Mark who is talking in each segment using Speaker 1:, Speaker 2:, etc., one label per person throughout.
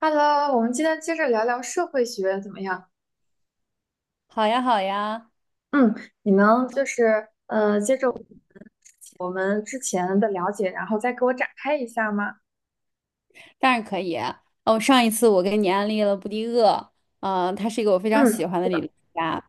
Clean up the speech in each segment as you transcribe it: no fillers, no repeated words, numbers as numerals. Speaker 1: Hello，我们今天接着聊聊社会学怎么样？
Speaker 2: 好呀，好呀，
Speaker 1: 嗯，你能接着我们之前的了解，然后再给我展开一下吗？
Speaker 2: 当然可以。哦，上一次我给你安利了布迪厄，他是一个我非常
Speaker 1: 嗯，
Speaker 2: 喜欢
Speaker 1: 是
Speaker 2: 的理
Speaker 1: 的。
Speaker 2: 论家。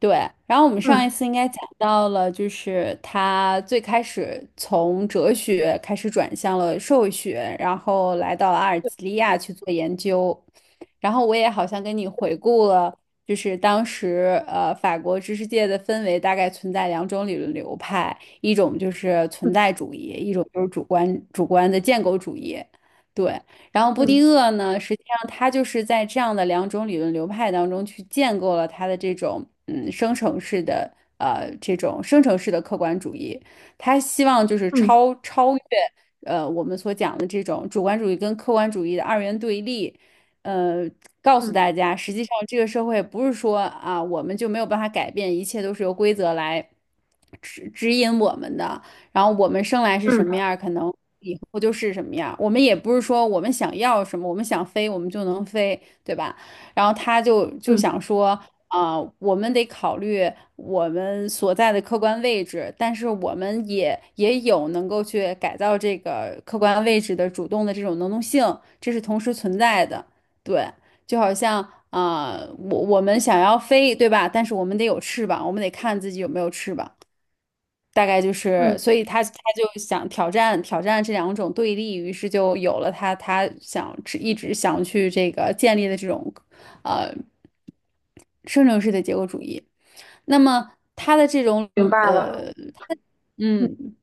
Speaker 2: 对，然后我们上一
Speaker 1: 嗯，
Speaker 2: 次应该讲到了，就是他最开始从哲学开始转向了社会学，然后来到了阿尔
Speaker 1: 对。
Speaker 2: 及利亚去做研究。然后我也好像跟你回顾了，就是当时法国知识界的氛围大概存在两种理论流派，一种就是存在主义，一种就是主观的建构主义。对，然后布
Speaker 1: 嗯
Speaker 2: 迪
Speaker 1: 嗯。
Speaker 2: 厄呢，实际上他就是在这样的两种理论流派当中去建构了他的这种生成式的这种生成式的客观主义。他希望就是
Speaker 1: 嗯
Speaker 2: 超越我们所讲的这种主观主义跟客观主义的二元对立，呃，告诉
Speaker 1: 嗯。
Speaker 2: 大家，实际上这个社会不是说啊我们就没有办法改变，一切都是由规则来指引我们的。然后我们生来是
Speaker 1: 嗯
Speaker 2: 什么样儿，可能后就是什么样。我们也不是说我们想要什么，我们想飞我们就能飞，对吧？然后他就
Speaker 1: 嗯。
Speaker 2: 想说，我们得考虑我们所在的客观位置，但是我们也有能够去改造这个客观位置的主动的这种能动性，这是同时存在的。对，就好像我们想要飞，对吧？但是我们得有翅膀，我们得看自己有没有翅膀。大概就是，
Speaker 1: 嗯，
Speaker 2: 所以他就想挑战挑战这两种对立，于是就有了他一直想去这个建立的这种，呃，生成式的结构主义。那么他的这种
Speaker 1: 明白了。
Speaker 2: 呃，嗯，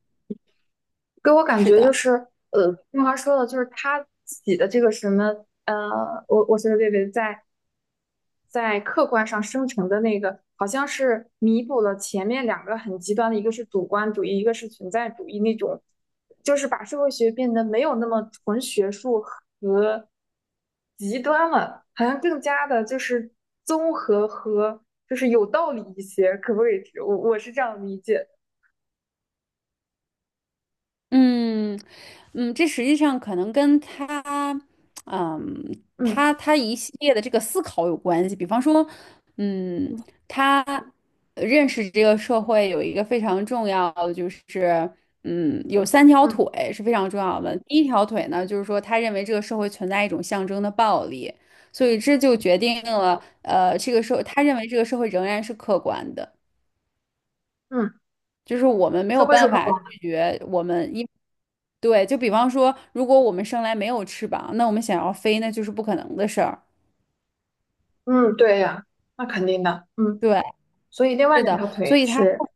Speaker 1: 给我感
Speaker 2: 是
Speaker 1: 觉就
Speaker 2: 的。
Speaker 1: 是，呃，听华说的，就是他自己的这个什么，呃，我随得便便在在客观上生成的那个，好像是弥补了前面两个很极端的，一个是主观主义，一个是存在主义那种，就是把社会学变得没有那么纯学术和极端了，好像更加的就是综合和就是有道理一些，可不可以？我是这样理解的。
Speaker 2: 嗯嗯。这实际上可能跟他，嗯，
Speaker 1: 嗯
Speaker 2: 他一系列的这个思考有关系。比方说，嗯，
Speaker 1: 嗯。
Speaker 2: 他认识这个社会有一个非常重要的，就是有三条
Speaker 1: 嗯
Speaker 2: 腿是非常重要的。第一条腿呢，就是说他认为这个社会存在一种象征的暴力，所以这就决定了，这个社他认为这个社会仍然是客观的。
Speaker 1: 嗯。
Speaker 2: 就是我们没
Speaker 1: 社
Speaker 2: 有
Speaker 1: 会是
Speaker 2: 办
Speaker 1: 客
Speaker 2: 法
Speaker 1: 观的。
Speaker 2: 拒绝我们一，对，就比方说，如果我们生来没有翅膀，那我们想要飞，那就是不可能的事儿。
Speaker 1: 嗯，对呀，那肯定的。嗯，
Speaker 2: 对，
Speaker 1: 所以另外
Speaker 2: 是
Speaker 1: 两
Speaker 2: 的，
Speaker 1: 条
Speaker 2: 所
Speaker 1: 腿
Speaker 2: 以它
Speaker 1: 是？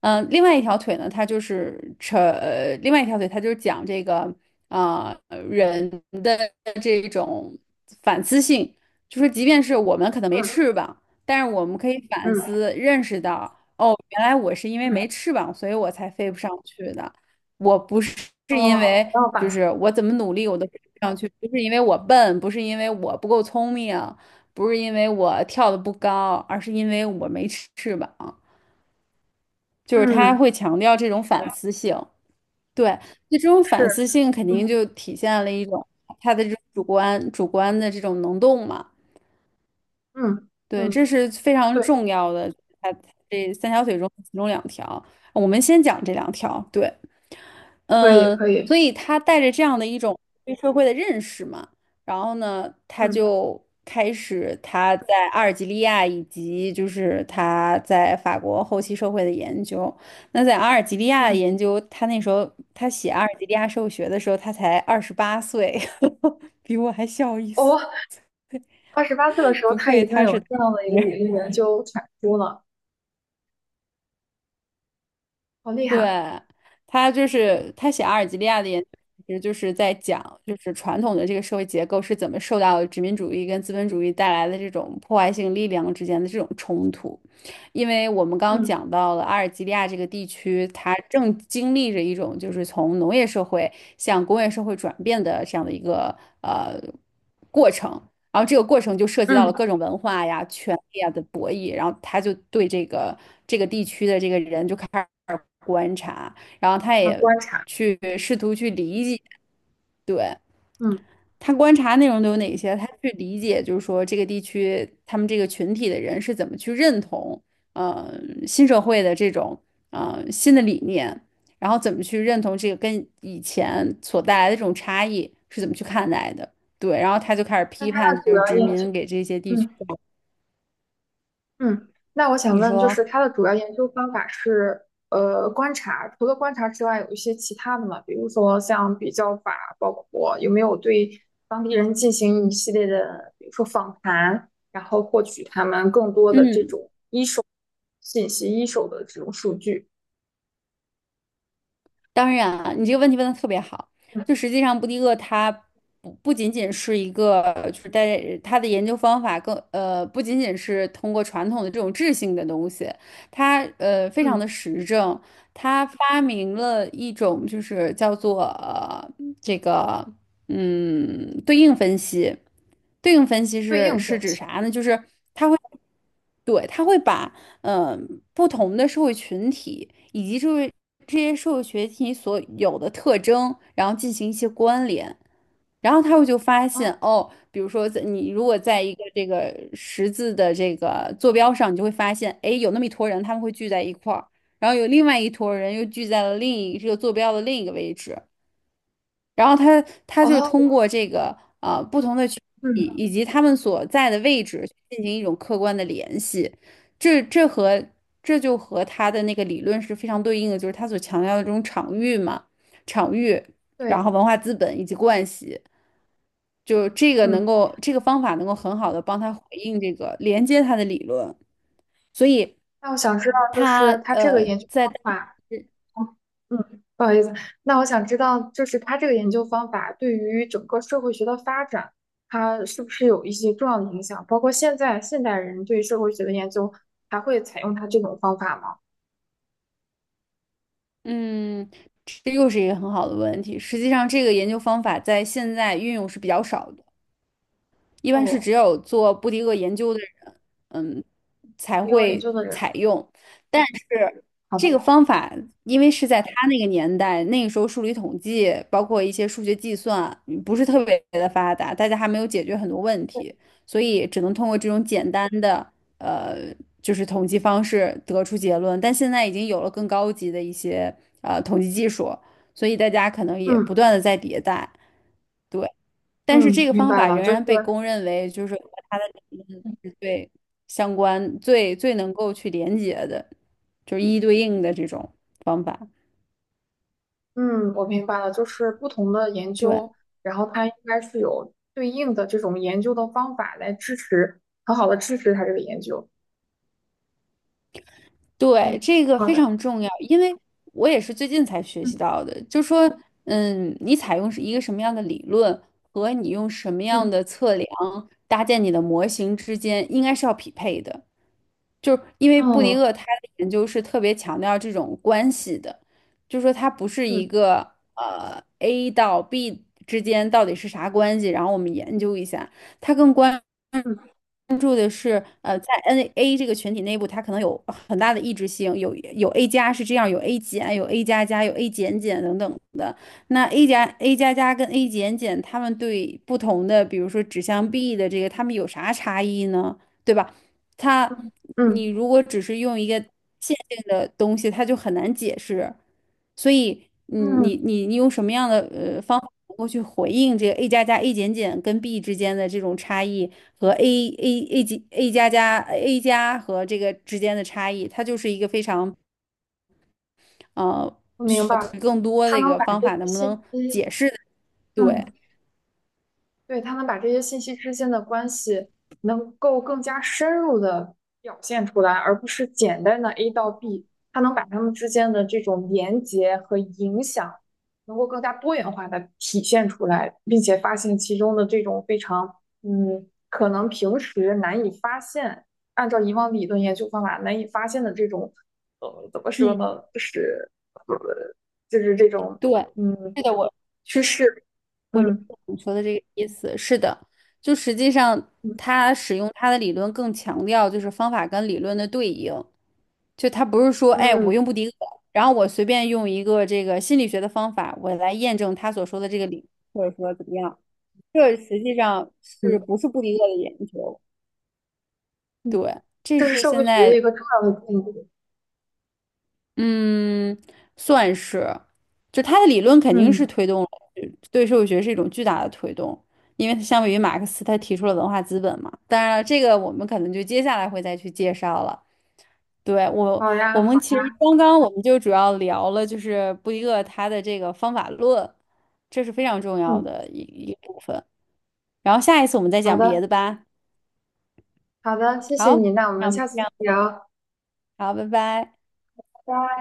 Speaker 2: 呃，另外一条腿呢，它就是扯，呃另外一条腿它就是讲这个人的这种反思性，就是即便是我们可能没
Speaker 1: 嗯
Speaker 2: 翅膀，但是我们可以反
Speaker 1: 嗯
Speaker 2: 思认识到，哦，原来我是因为
Speaker 1: 嗯。
Speaker 2: 没翅膀，所以我才飞不上去的，我不是是因
Speaker 1: 哦，
Speaker 2: 为
Speaker 1: 然后把。
Speaker 2: 就是我怎么努力我都飞不上去，不是因为我笨，不是因为我不够聪明，不是因为我跳的不高，而是因为我没翅膀。就是他
Speaker 1: 嗯，
Speaker 2: 会强调这种反思性，对，那这种
Speaker 1: 是。
Speaker 2: 反思性肯
Speaker 1: 嗯
Speaker 2: 定就体现了一种他的这种主观的这种能动嘛，
Speaker 1: 嗯
Speaker 2: 对，这
Speaker 1: 嗯。
Speaker 2: 是非常
Speaker 1: 对，
Speaker 2: 重要的。他这三条腿中其中两条，我们先讲这两条，对，
Speaker 1: 可以
Speaker 2: 嗯，
Speaker 1: 可
Speaker 2: 所
Speaker 1: 以。
Speaker 2: 以他带着这样的一种对社会的认识嘛，然后呢，他
Speaker 1: 嗯
Speaker 2: 就开始他在阿尔及利亚以及就是他在法国后期社会的研究。那在阿尔及利亚的
Speaker 1: 嗯。
Speaker 2: 研究，他那时候他写阿尔及利亚社会学的时候，他才28岁，比我还小一岁，
Speaker 1: 哦，28岁的时候
Speaker 2: 不
Speaker 1: 他
Speaker 2: 愧
Speaker 1: 已经
Speaker 2: 他
Speaker 1: 有
Speaker 2: 是。
Speaker 1: 这样的一个理 论研究产出了，好厉
Speaker 2: 对，
Speaker 1: 害。
Speaker 2: 他就是他写阿尔及利亚的研究，其实就是在讲，就是传统的这个社会结构是怎么受到殖民主义跟资本主义带来的这种破坏性力量之间的这种冲突。因为我们刚刚
Speaker 1: 嗯
Speaker 2: 讲到了阿尔及利亚这个地区，它正经历着一种就是从农业社会向工业社会转变的这样的一个呃过程。然后这个过程就涉及到
Speaker 1: 嗯。
Speaker 2: 了各种文化呀、权力啊的博弈，然后他就对这个这个地区的这个人就开始观察，然后他
Speaker 1: 能
Speaker 2: 也
Speaker 1: 观察。
Speaker 2: 去试图去理解，对，
Speaker 1: 嗯，
Speaker 2: 他观察内容都有哪些，他去理解，就是说这个地区他们这个群体的人是怎么去认同新社会的这种新的理念，然后怎么去认同这个跟以前所带来的这种差异是怎么去看待的，对，然后他就开始
Speaker 1: 那
Speaker 2: 批
Speaker 1: 他
Speaker 2: 判，
Speaker 1: 的
Speaker 2: 就
Speaker 1: 主
Speaker 2: 是
Speaker 1: 要
Speaker 2: 殖
Speaker 1: 研究。
Speaker 2: 民给这些地区，
Speaker 1: 嗯。嗯，那我想
Speaker 2: 你
Speaker 1: 问，就是
Speaker 2: 说。
Speaker 1: 它的主要研究方法是观察，除了观察之外，有一些其他的嘛，比如说像比较法，包括有没有对当地人进行一系列的，比如说访谈，然后获取他们更多的这
Speaker 2: 嗯
Speaker 1: 种信息，一手的这种数据？
Speaker 2: 当然啊，你这个问题问的特别好。
Speaker 1: 嗯。
Speaker 2: 就实际上，布迪厄他不仅仅是一个，就是在他的研究方法更不仅仅是通过传统的这种质性的东西，他非常
Speaker 1: 嗯。
Speaker 2: 的实证，他发明了一种就是叫做这个对应分析。对应分析
Speaker 1: 对
Speaker 2: 是
Speaker 1: 应
Speaker 2: 是
Speaker 1: 分
Speaker 2: 指
Speaker 1: 析。
Speaker 2: 啥呢？就是对，他会把嗯、呃不同的社会群体以及就是这些社会群体所有的特征，然后进行一些关联，然后他会就发
Speaker 1: 哦
Speaker 2: 现哦，比如说在你如果在一个这个十字的这个坐标上，你就会发现，哎，有那么一坨人他们会聚在一块儿，然后有另外一坨人又聚在了另一这个坐标的另一个位置，然后他就是通
Speaker 1: 哦。
Speaker 2: 过这个不同的群体
Speaker 1: 嗯。
Speaker 2: 以及他们所在的位置进行一种客观的联系，这这和这就和他的那个理论是非常对应的，就是他所强调的这种场域嘛，场域，然
Speaker 1: 对。
Speaker 2: 后文化资本以及惯习，就这个能
Speaker 1: 嗯，
Speaker 2: 够这个方法能够很好的帮他回应这个连接他的理论，所以
Speaker 1: 那我想知道，就
Speaker 2: 他
Speaker 1: 是它这个研究
Speaker 2: 在。
Speaker 1: 方法。嗯，不好意思，那我想知道，就是他这个研究方法对于整个社会学的发展，它是不是有一些重要的影响？包括现在现代人对社会学的研究，还会采用他这种方法吗？
Speaker 2: 嗯，这又是一个很好的问题。实际上，这个研究方法在现在运用是比较少的。一般是只
Speaker 1: 哦，
Speaker 2: 有做布迪厄研究的人，嗯，才
Speaker 1: 比我研
Speaker 2: 会
Speaker 1: 究的人。
Speaker 2: 采用。但是
Speaker 1: 好的。
Speaker 2: 这个方法，因为是在他那个年代，那个时候数理统计，包括一些数学计算，不是特别的发达，大家还没有解决很多问题，所以只能通过这种简单的，呃，就是统计方式得出结论。但现在已经有了更高级的一些统计技术，所以大家可能也
Speaker 1: 嗯
Speaker 2: 不断的在迭代。对。但是
Speaker 1: 嗯，
Speaker 2: 这个
Speaker 1: 明
Speaker 2: 方
Speaker 1: 白
Speaker 2: 法
Speaker 1: 了，
Speaker 2: 仍
Speaker 1: 就是。
Speaker 2: 然被公认为就是和他的理论是最相关、最能够去连接的，就是一对应的这种方法。
Speaker 1: 嗯，我明白了，就是不同的研
Speaker 2: 对，
Speaker 1: 究，然后它应该是有对应的这种研究的方法来支持，很好的支持它这个研究。嗯，
Speaker 2: 对，这个
Speaker 1: 好
Speaker 2: 非
Speaker 1: 的。
Speaker 2: 常重要，因为我也是最近才学习
Speaker 1: 嗯
Speaker 2: 到的，就说，你采用是一个什么样的理论和你用什么样
Speaker 1: 嗯。
Speaker 2: 的测量搭建你的模型之间，应该是要匹配的。就是因为布迪
Speaker 1: 哦。
Speaker 2: 厄他的研究是特别强调这种关系的，就是说它不是一
Speaker 1: 嗯。
Speaker 2: 个A 到 B 之间到底是啥关系，然后我们研究一下，它更关。
Speaker 1: 嗯
Speaker 2: 关注的是，在 NA 这个群体内部，它可能有很大的异质性，有 A 加是这样，有 A 减，有 A 加加，有 A 减减等等的。那 A 加 A 加加跟 A 减减，他们对不同的，比如说指向 B 的这个，他们有啥差异呢？对吧？它，你
Speaker 1: 嗯
Speaker 2: 如果只是用一个线性的东西，它就很难解释。所以你
Speaker 1: 嗯。
Speaker 2: 你
Speaker 1: 嗯，
Speaker 2: 你你用什么样的方法能够去回应这个 A 加加 A 减减跟 B 之间的这种差异？和 A 级 A 加加 A 加和这个之间的差异，它就是一个非常呃
Speaker 1: 我明
Speaker 2: 需要
Speaker 1: 白
Speaker 2: 考
Speaker 1: 了，
Speaker 2: 虑更多
Speaker 1: 他
Speaker 2: 的一
Speaker 1: 能
Speaker 2: 个
Speaker 1: 把
Speaker 2: 方
Speaker 1: 这些
Speaker 2: 法，能不能
Speaker 1: 信息。
Speaker 2: 解释的对，
Speaker 1: 嗯，对，他能把这些信息之间的关系能够更加深入的表现出来，而不是简单的 A 到 B，他能把他们之间的这种连接和影响，能够更加多元化的体现出来，并且发现其中的这种非常，嗯，可能平时难以发现，按照以往理论研究方法难以发现的这种，呃，怎么说
Speaker 2: 嗯，
Speaker 1: 呢，就是，呃，就是这种，
Speaker 2: 对，
Speaker 1: 嗯，
Speaker 2: 是的，我
Speaker 1: 趋势。
Speaker 2: 我理
Speaker 1: 嗯
Speaker 2: 解你说的这个意思，是的，就实际上
Speaker 1: 嗯
Speaker 2: 它使用它的理论更强调就是方法跟理论的对应，就它不是说哎我
Speaker 1: 嗯。
Speaker 2: 用布迪厄，然后我随便用一个这个心理学的方法，我来验证他所说的这个理，或者说怎么样。这实际上是
Speaker 1: 嗯
Speaker 2: 不是布迪厄的研究？
Speaker 1: 嗯，
Speaker 2: 对，这
Speaker 1: 这是
Speaker 2: 是
Speaker 1: 社会
Speaker 2: 现
Speaker 1: 学的
Speaker 2: 在，
Speaker 1: 一个重要的进步。
Speaker 2: 嗯，算是，就他的理论肯定是
Speaker 1: 嗯，
Speaker 2: 推动了对社会学是一种巨大的推动，因为相比于马克思，他提出了文化资本嘛。当然了，这个我们可能就接下来会再去介绍了。对，我，
Speaker 1: 好呀，
Speaker 2: 我
Speaker 1: 好。
Speaker 2: 们其实刚刚我们就主要聊了，就是布迪厄他的这个方法论，这是非常重要
Speaker 1: 嗯，
Speaker 2: 的一部分。然后下一次我们再
Speaker 1: 好
Speaker 2: 讲别
Speaker 1: 的。
Speaker 2: 的吧。
Speaker 1: 好的，谢谢你，
Speaker 2: 好，
Speaker 1: 那我
Speaker 2: 那
Speaker 1: 们
Speaker 2: 我们。
Speaker 1: 下次
Speaker 2: 这
Speaker 1: 再
Speaker 2: 样。
Speaker 1: 聊，
Speaker 2: 好，拜拜。
Speaker 1: 拜拜。